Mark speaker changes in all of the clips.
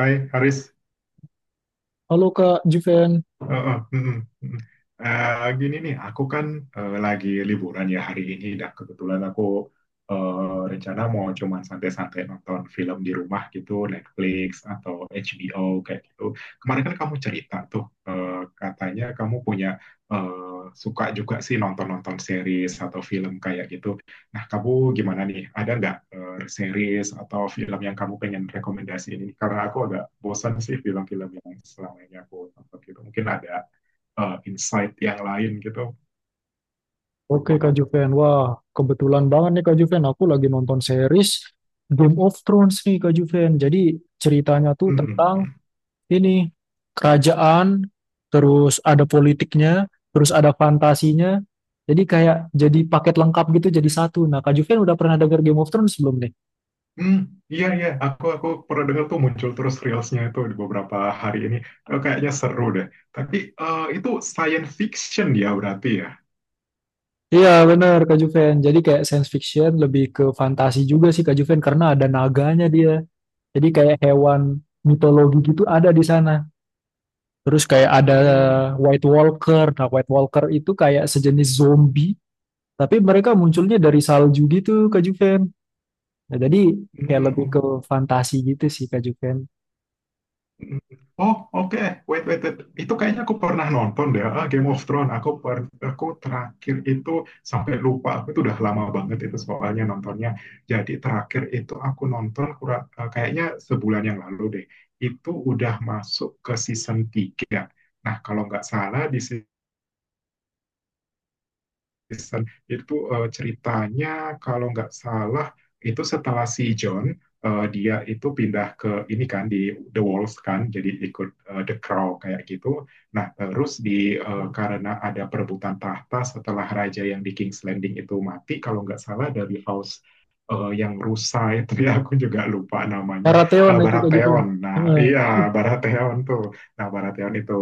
Speaker 1: Hai Haris,
Speaker 2: Halo Kak Juven.
Speaker 1: Eh, eh, mm, mm, mm. Gini nih, aku kan lagi liburan ya hari ini dan kebetulan aku rencana mau cuman santai-santai nonton film di rumah gitu, Netflix atau HBO kayak gitu. Kemarin kan kamu cerita tuh, eh, katanya kamu punya suka juga sih nonton-nonton series atau film kayak gitu. Nah, kamu gimana nih? Ada nggak series atau film yang kamu pengen rekomendasi ini? Karena aku agak bosan sih film-film yang selama ini aku tonton gitu. Mungkin ada insight yang lain gitu.
Speaker 2: Oke Kak Juven. Wah, kebetulan banget nih Kak Juven. Aku lagi nonton series Game of Thrones nih Kak Juven. Jadi ceritanya tuh
Speaker 1: Hmm, hmm,
Speaker 2: tentang
Speaker 1: hmm.
Speaker 2: ini kerajaan, terus ada politiknya, terus ada fantasinya. Jadi kayak jadi paket lengkap gitu jadi satu. Nah, Kak Juven udah pernah denger Game of Thrones belum nih?
Speaker 1: Hmm, iya iya. Aku pernah dengar tuh muncul terus reelsnya itu di beberapa hari ini. Kayaknya seru deh. Tapi itu science fiction ya berarti ya?
Speaker 2: Iya bener Kak Juven. Jadi kayak science fiction lebih ke fantasi juga sih Kak Juven karena ada naganya dia. Jadi kayak hewan mitologi gitu ada di sana. Terus kayak ada
Speaker 1: Hmm,
Speaker 2: White Walker. Nah, White Walker itu kayak sejenis zombie, tapi mereka munculnya dari salju gitu, Kak Juven. Nah, jadi kayak lebih
Speaker 1: hmm,
Speaker 2: ke fantasi gitu sih, Kak Juven.
Speaker 1: Mm. Oh, oke. Wait, wait, wait. Itu kayaknya aku pernah nonton deh, ah, Game of Thrones. Aku terakhir itu sampai lupa. Aku itu udah lama banget itu soalnya nontonnya. Jadi terakhir itu aku nonton kurang kayaknya sebulan yang lalu deh. Itu udah masuk ke season 3. Nah, kalau nggak salah di Kristen itu ceritanya kalau nggak salah itu setelah si John dia itu pindah ke ini kan di The Walls kan jadi ikut The Crow kayak gitu. Nah terus di karena ada perebutan tahta setelah raja yang di King's Landing itu mati kalau nggak salah dari House yang rusa itu ya aku juga lupa namanya
Speaker 2: Baratheon itu, Kak Juven.
Speaker 1: Baratheon. Nah
Speaker 2: Heeh.
Speaker 1: iya Baratheon tuh. Nah Baratheon itu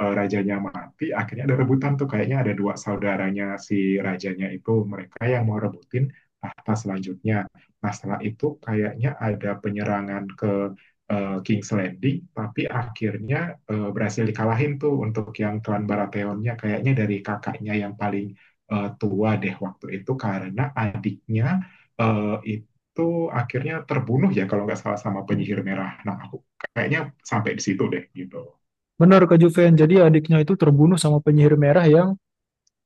Speaker 1: rajanya mati, akhirnya ada rebutan tuh kayaknya ada dua saudaranya si rajanya itu mereka yang mau rebutin tahta selanjutnya. Nah, setelah itu kayaknya ada penyerangan ke King's Landing, tapi akhirnya berhasil dikalahin tuh untuk yang klan Baratheonnya kayaknya dari kakaknya yang paling tua deh waktu itu karena adiknya eh, itu itu akhirnya terbunuh ya kalau nggak salah sama penyihir merah. Nah, aku kayaknya sampai di situ deh gitu.
Speaker 2: Benar, Kak Juven. Jadi adiknya itu terbunuh sama penyihir merah yang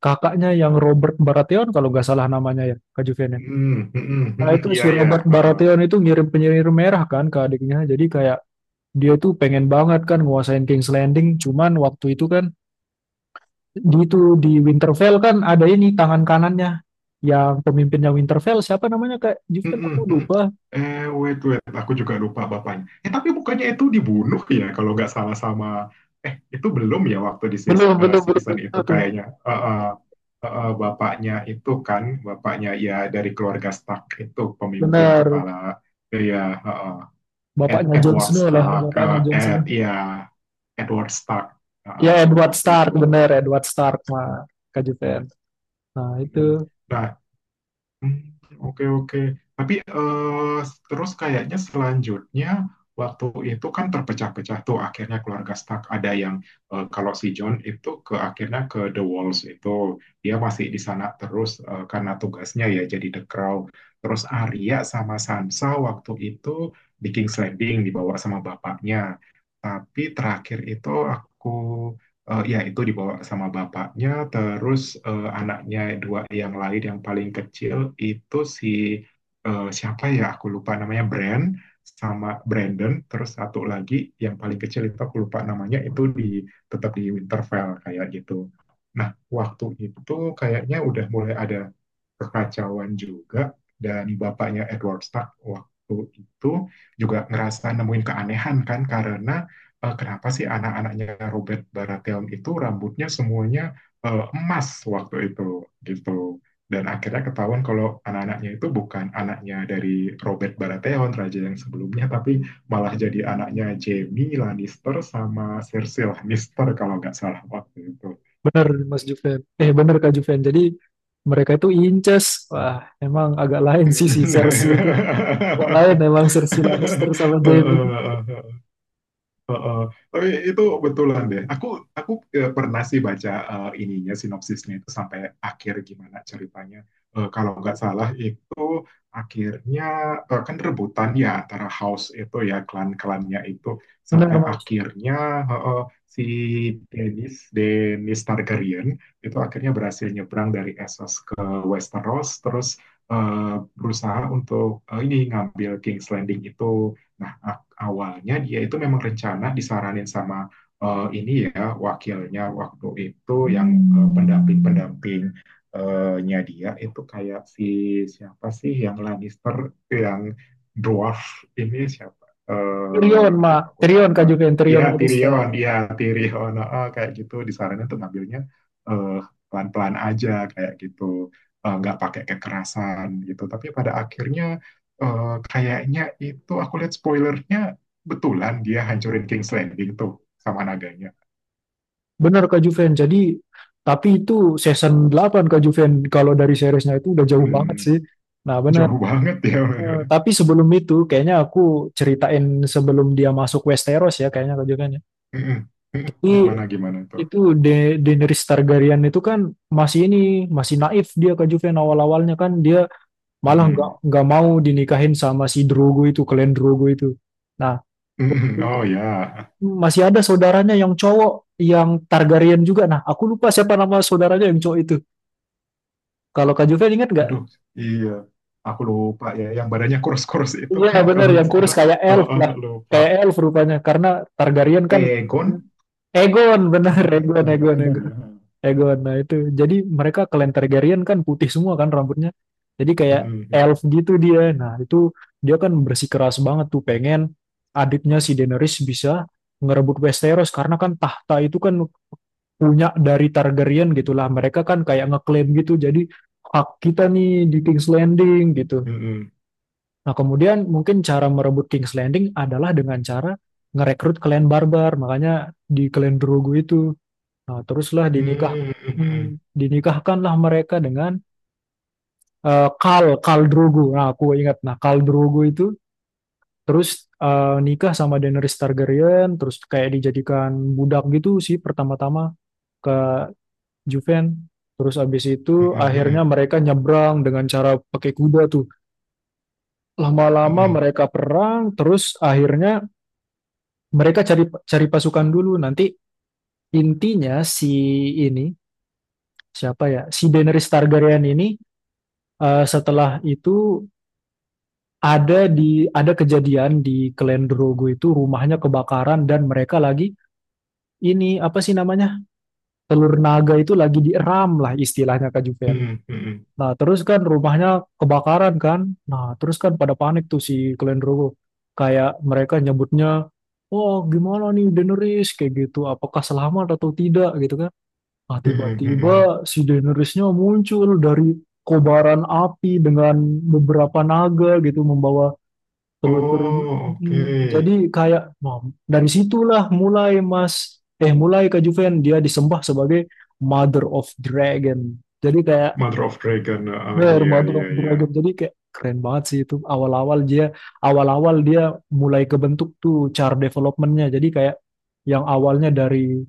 Speaker 2: kakaknya yang Robert Baratheon, kalau nggak salah namanya ya, Kak Juven. Ya. Nah, itu
Speaker 1: Hmm.
Speaker 2: si
Speaker 1: Iya iya.
Speaker 2: Robert
Speaker 1: Heeh.
Speaker 2: Baratheon itu ngirim penyihir merah kan ke adiknya. Jadi kayak dia tuh pengen banget kan nguasain King's Landing, cuman waktu itu kan di itu di Winterfell kan ada ini tangan kanannya yang pemimpinnya Winterfell siapa namanya Kak
Speaker 1: Hmm,
Speaker 2: Juven
Speaker 1: hmm.
Speaker 2: aku
Speaker 1: hmm. hmm.
Speaker 2: lupa.
Speaker 1: Wait wait, aku juga lupa bapaknya. Eh, tapi bukannya itu dibunuh ya kalau nggak salah sama itu belum ya waktu di
Speaker 2: belum belum belum
Speaker 1: season itu
Speaker 2: belum tuh.
Speaker 1: kayaknya. Heeh. Heeh, bapaknya itu kan bapaknya ya dari keluarga Stark itu pemimpin
Speaker 2: Benar.
Speaker 1: kepala ya heeh.
Speaker 2: Bapaknya Jon
Speaker 1: Edward
Speaker 2: Snow lah,
Speaker 1: Stark,
Speaker 2: bapaknya
Speaker 1: eh,
Speaker 2: Jon
Speaker 1: Ed
Speaker 2: Snow.
Speaker 1: ya Edward Stark heeh,
Speaker 2: Ya Edward
Speaker 1: waktu itu.
Speaker 2: Stark, bener Edward Stark mah Kak Juven. Nah
Speaker 1: Hmm.
Speaker 2: itu.
Speaker 1: Nah, Oke oke, tapi terus kayaknya selanjutnya waktu itu kan terpecah-pecah tuh akhirnya keluarga Stark ada yang kalau si John itu ke akhirnya ke The Walls itu dia masih di sana terus karena tugasnya ya jadi The Crow. Terus Arya sama Sansa waktu itu di King's Landing dibawa sama bapaknya. Tapi terakhir itu aku Eh, ya itu dibawa sama bapaknya, terus anaknya dua yang lain yang paling kecil itu si siapa ya aku lupa namanya Brand sama Brandon, terus satu lagi yang paling kecil itu aku lupa namanya itu di tetap di Winterfell kayak gitu. Nah waktu itu kayaknya udah mulai ada kekacauan juga dan bapaknya Edward Stark waktu itu juga ngerasa nemuin keanehan kan karena kenapa sih anak-anaknya Robert Baratheon itu rambutnya semuanya emas waktu itu gitu. Dan akhirnya ketahuan kalau anak-anaknya itu bukan anaknya dari Robert Baratheon, raja yang sebelumnya, tapi malah jadi anaknya Jaime Lannister sama Cersei Lannister kalau nggak salah waktu itu.
Speaker 2: Bener Kak Juven, jadi mereka itu inces. Wah emang agak lain sih si Cersei itu, agak lain emang Cersei Lannister sama Jaime itu.
Speaker 1: Heeh. Tapi itu betulan deh. Aku pernah sih baca ininya sinopsisnya itu sampai akhir gimana ceritanya. Eh, kalau nggak salah itu akhirnya kan rebutan ya antara house itu ya klan-klannya itu
Speaker 2: Benar
Speaker 1: sampai
Speaker 2: Mas.
Speaker 1: akhirnya eh, eh, si Dennis Dennis Targaryen itu akhirnya berhasil nyebrang dari Essos ke Westeros terus eh, berusaha untuk ini ngambil King's Landing itu. Nah, awalnya dia itu memang rencana disaranin sama ini ya wakilnya waktu itu yang pendamping-pendamping nya dia itu kayak si siapa sih yang Lannister yang dwarf ini siapa? Eh,
Speaker 2: Tyrion
Speaker 1: aduh
Speaker 2: mah,
Speaker 1: aku
Speaker 2: Tyrion
Speaker 1: lupa.
Speaker 2: Kak Juven, Tyrion Lannister.
Speaker 1: Ya Tyrion, heeh, kayak gitu disaranin tuh ngambilnya eh, pelan-pelan aja kayak gitu, nggak pakai kekerasan gitu. Tapi pada akhirnya kayaknya itu aku lihat spoilernya betulan dia hancurin King's Landing tuh sama nadanya.
Speaker 2: Benar Kak Juven. Jadi tapi itu season 8 Kak Juven, kalau dari seriesnya itu udah jauh banget
Speaker 1: Hmm,
Speaker 2: sih. Nah, benar.
Speaker 1: jauh banget ya.
Speaker 2: Tapi sebelum itu kayaknya aku ceritain sebelum dia masuk Westeros ya kayaknya Kak Juven ya. Jadi
Speaker 1: Gimana gimana tuh?
Speaker 2: itu Daenerys Targaryen itu kan masih ini masih naif dia Kak Juven, awal-awalnya kan dia malah nggak
Speaker 1: Hmm,
Speaker 2: nggak mau dinikahin sama si Drogo itu, klan Drogo itu. Nah, itu
Speaker 1: Oh ya,
Speaker 2: masih ada saudaranya yang cowok, yang Targaryen juga. Nah, aku lupa siapa nama saudaranya yang cowok itu. Kalau Kak Juven ingat nggak?
Speaker 1: aduh iya. Aku lupa ya, yang badannya kurus-kurus itu
Speaker 2: Iya
Speaker 1: kan kalau
Speaker 2: bener,
Speaker 1: nggak
Speaker 2: yang kurus
Speaker 1: salah.
Speaker 2: kayak
Speaker 1: Oh,
Speaker 2: elf
Speaker 1: oh,
Speaker 2: lah.
Speaker 1: lupa.
Speaker 2: Kayak elf rupanya, karena Targaryen kan
Speaker 1: Egon
Speaker 2: Egon, bener,
Speaker 1: apa
Speaker 2: Egon,
Speaker 1: Egon ya?
Speaker 2: Egon,
Speaker 1: Egon
Speaker 2: Egon.
Speaker 1: ya.
Speaker 2: Egon, nah itu. Jadi mereka klan Targaryen kan putih semua kan rambutnya. Jadi kayak
Speaker 1: Hmm, hmm,
Speaker 2: elf gitu dia. Nah itu dia kan bersikeras banget tuh pengen adiknya si Daenerys bisa ngerebut Westeros karena kan tahta itu kan punya dari Targaryen gitulah. Mereka kan kayak ngeklaim gitu. Jadi hak kita nih di King's Landing gitu.
Speaker 1: hmm, hmm,
Speaker 2: Nah, kemudian mungkin cara merebut King's Landing adalah dengan cara ngerekrut klan barbar, makanya di klan Drogo itu. Nah, teruslah
Speaker 1: hmm,
Speaker 2: dinikahkanlah mereka dengan Khal Khal Drogo. Nah, aku ingat, nah Khal Drogo itu terus nikah sama Daenerys Targaryen, terus kayak dijadikan budak gitu sih pertama-tama ke Juven. Terus abis
Speaker 1: hmm,
Speaker 2: itu
Speaker 1: hmm, hmm, hmm,
Speaker 2: akhirnya
Speaker 1: hmm,
Speaker 2: mereka nyebrang dengan cara pakai kuda tuh. Lama-lama
Speaker 1: hmm,
Speaker 2: mereka perang, terus akhirnya mereka cari cari pasukan dulu. Nanti intinya si ini siapa ya? Si Daenerys Targaryen ini setelah itu ada kejadian di Khalen Drogo itu, rumahnya kebakaran dan mereka lagi ini apa sih namanya? Telur naga itu lagi dieram lah istilahnya Kak Juven.
Speaker 1: hmm, hmm,
Speaker 2: Nah, terus kan rumahnya kebakaran kan? Nah, terus kan pada panik tuh si Khalen Drogo. Kayak mereka nyebutnya, "Oh, gimana nih Daenerys?" kayak gitu. Apakah selamat atau tidak gitu kan? Nah,
Speaker 1: hmm, hmm, hmm.
Speaker 2: tiba-tiba si Daenerysnya muncul dari kobaran api dengan beberapa naga gitu membawa telur-telur.
Speaker 1: Oh,
Speaker 2: Jadi
Speaker 1: oke.
Speaker 2: kayak nah, dari situlah mulai Mas eh mulai Kak Juven dia disembah sebagai Mother of Dragon. Jadi kayak
Speaker 1: Mother of Dragon. Oh,
Speaker 2: bener,
Speaker 1: iya
Speaker 2: Mother
Speaker 1: iya
Speaker 2: of
Speaker 1: iya.
Speaker 2: Dragon. Jadi kayak keren banget sih itu awal-awal dia mulai kebentuk tuh char developmentnya. Jadi kayak yang awalnya dari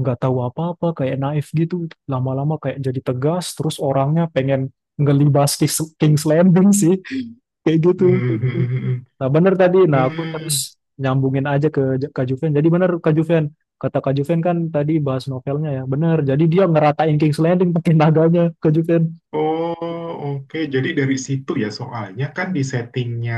Speaker 2: nggak tahu apa-apa kayak naif gitu, lama-lama kayak jadi tegas terus orangnya pengen ngelibas King's Landing sih kayak
Speaker 1: Mhm
Speaker 2: gitu.
Speaker 1: mhm mhm.
Speaker 2: Nah bener tadi, nah aku
Speaker 1: Mmm.
Speaker 2: terus nyambungin aja ke Kak Juven, jadi bener Kak Juven, kata Kak Juven kan tadi bahas novelnya ya, bener, jadi dia ngeratain King's Landing pakai naganya Kak Juven.
Speaker 1: Oh, oke. Jadi dari situ ya soalnya kan di settingnya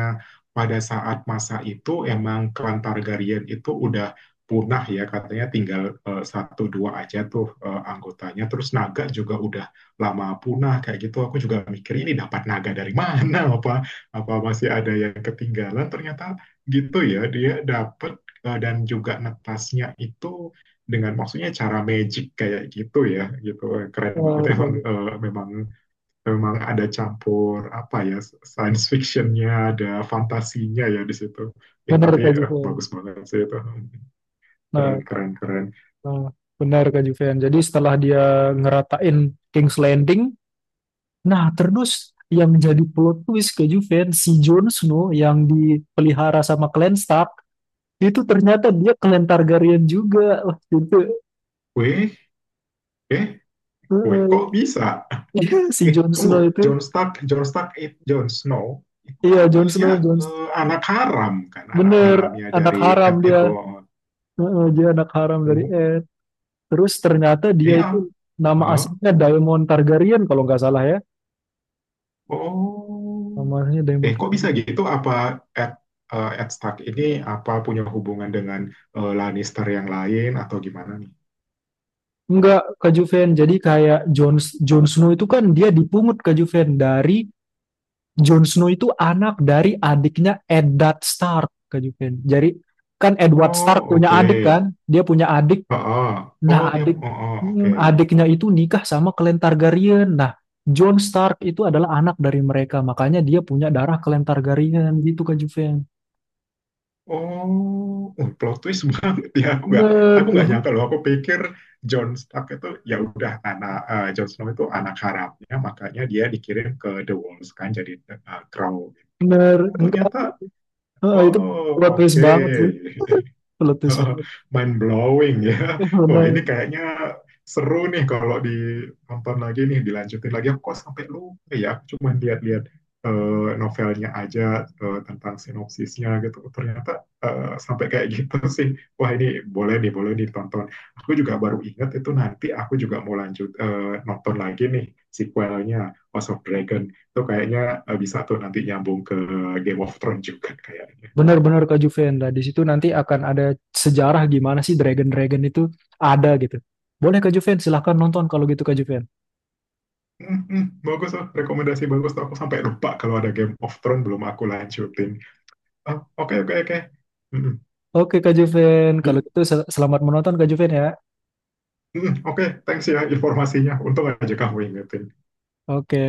Speaker 1: pada saat masa itu emang klan Targaryen itu udah punah ya katanya tinggal satu dua aja tuh anggotanya. Terus naga juga udah lama punah kayak gitu. Aku juga mikir ini dapat naga dari mana? Apa apa masih ada yang ketinggalan? Ternyata gitu ya dia dapat dan juga netasnya itu dengan maksudnya cara magic kayak gitu ya gitu keren banget
Speaker 2: bener Kak
Speaker 1: emang
Speaker 2: Ju-
Speaker 1: eh, memang memang ada campur apa ya science fictionnya ada fantasinya ya di situ eh
Speaker 2: Bener,
Speaker 1: tapi
Speaker 2: Kak Juven.
Speaker 1: bagus banget sih itu
Speaker 2: nah,
Speaker 1: keren keren keren.
Speaker 2: nah bener Kak Juven, jadi setelah dia ngeratain King's Landing. Nah, terus yang menjadi plot twist ke Juven, si Jon Snow yang dipelihara sama Clan Stark, itu ternyata dia Clan Targaryen juga. Wah,
Speaker 1: weh eh Weh kok bisa.
Speaker 2: itu si
Speaker 1: eh
Speaker 2: Jon
Speaker 1: tunggu
Speaker 2: Snow itu,
Speaker 1: Jon Stark Jon Stark, Jon Snow itu
Speaker 2: iya
Speaker 1: kan
Speaker 2: Jon
Speaker 1: dia
Speaker 2: Snow,
Speaker 1: anak haram kan anak
Speaker 2: bener,
Speaker 1: haramnya
Speaker 2: anak
Speaker 1: dari
Speaker 2: haram
Speaker 1: Ed itu.
Speaker 2: dia. Dia anak haram dari
Speaker 1: Oh,
Speaker 2: Ed. Terus ternyata dia
Speaker 1: iya.
Speaker 2: itu
Speaker 1: Ah,
Speaker 2: nama
Speaker 1: ah.
Speaker 2: aslinya Daemon Targaryen kalau nggak salah ya.
Speaker 1: Oh,
Speaker 2: Nama aslinya Daemon
Speaker 1: eh, kok bisa
Speaker 2: Targaryen.
Speaker 1: gitu? Apa Ed, Ed Stark ini apa punya hubungan dengan Lannister yang lain atau gimana nih?
Speaker 2: Enggak, Kak Juven. Jadi kayak Jon Jon Snow itu kan dia dipungut Kak Juven dari Jon Snow itu anak dari adiknya Eddard Stark, Kak Juven. Jadi kan Edward Stark
Speaker 1: Oh,
Speaker 2: punya
Speaker 1: oke.
Speaker 2: adik kan? Dia punya adik.
Speaker 1: Heeh. Oh,
Speaker 2: Nah,
Speaker 1: dia. Oh, oh, oke.
Speaker 2: adiknya itu nikah sama Clan Targaryen. Nah, Jon Stark itu adalah anak dari mereka. Makanya dia punya darah Clan Targaryen gitu Kak Juven.
Speaker 1: Oh, plot twist banget ya. Aku nggak,
Speaker 2: Bener,
Speaker 1: aku nggak nyangka loh. Aku pikir Jon Stark itu ya udah anak Jon Snow itu anak harapnya, makanya dia dikirim ke The Walls kan jadi Crow.
Speaker 2: bener.
Speaker 1: Oh,
Speaker 2: Enggak.
Speaker 1: ternyata.
Speaker 2: Ah, itu plot
Speaker 1: Oh,
Speaker 2: twist
Speaker 1: oke.
Speaker 2: banget tuh. Plot twist banget.
Speaker 1: Mind blowing ya. Wah, ini
Speaker 2: Bener.
Speaker 1: kayaknya seru nih kalau ditonton lagi nih, dilanjutin lagi. Aku kok sampai lupa ya, aku cuman lihat-lihat novelnya aja tentang sinopsisnya gitu. Ternyata sampai kayak gitu sih. Wah, ini boleh nih ditonton. Aku juga baru ingat itu nanti aku juga mau lanjut nonton lagi nih sequelnya House of Dragon. Itu kayaknya bisa tuh nanti nyambung ke Game of Thrones juga kayaknya.
Speaker 2: Benar-benar Kak Juvenda. Di situ nanti akan ada sejarah gimana sih Dragon-Dragon itu ada gitu. Boleh Kak Juven, silahkan nonton kalau gitu Kak Juven.
Speaker 1: Mm-mm, bagus tuh, rekomendasi bagus tuh. Aku sampai lupa kalau ada Game of Thrones belum aku lanjutin. Ah, oke oke oke. Mm-mm.
Speaker 2: Oke Kak Juven, kalau
Speaker 1: Di-
Speaker 2: gitu selamat menonton Kak Juven ya.
Speaker 1: mm-mm, oke, thanks ya informasinya. Untung aja kamu ingetin.
Speaker 2: Oke.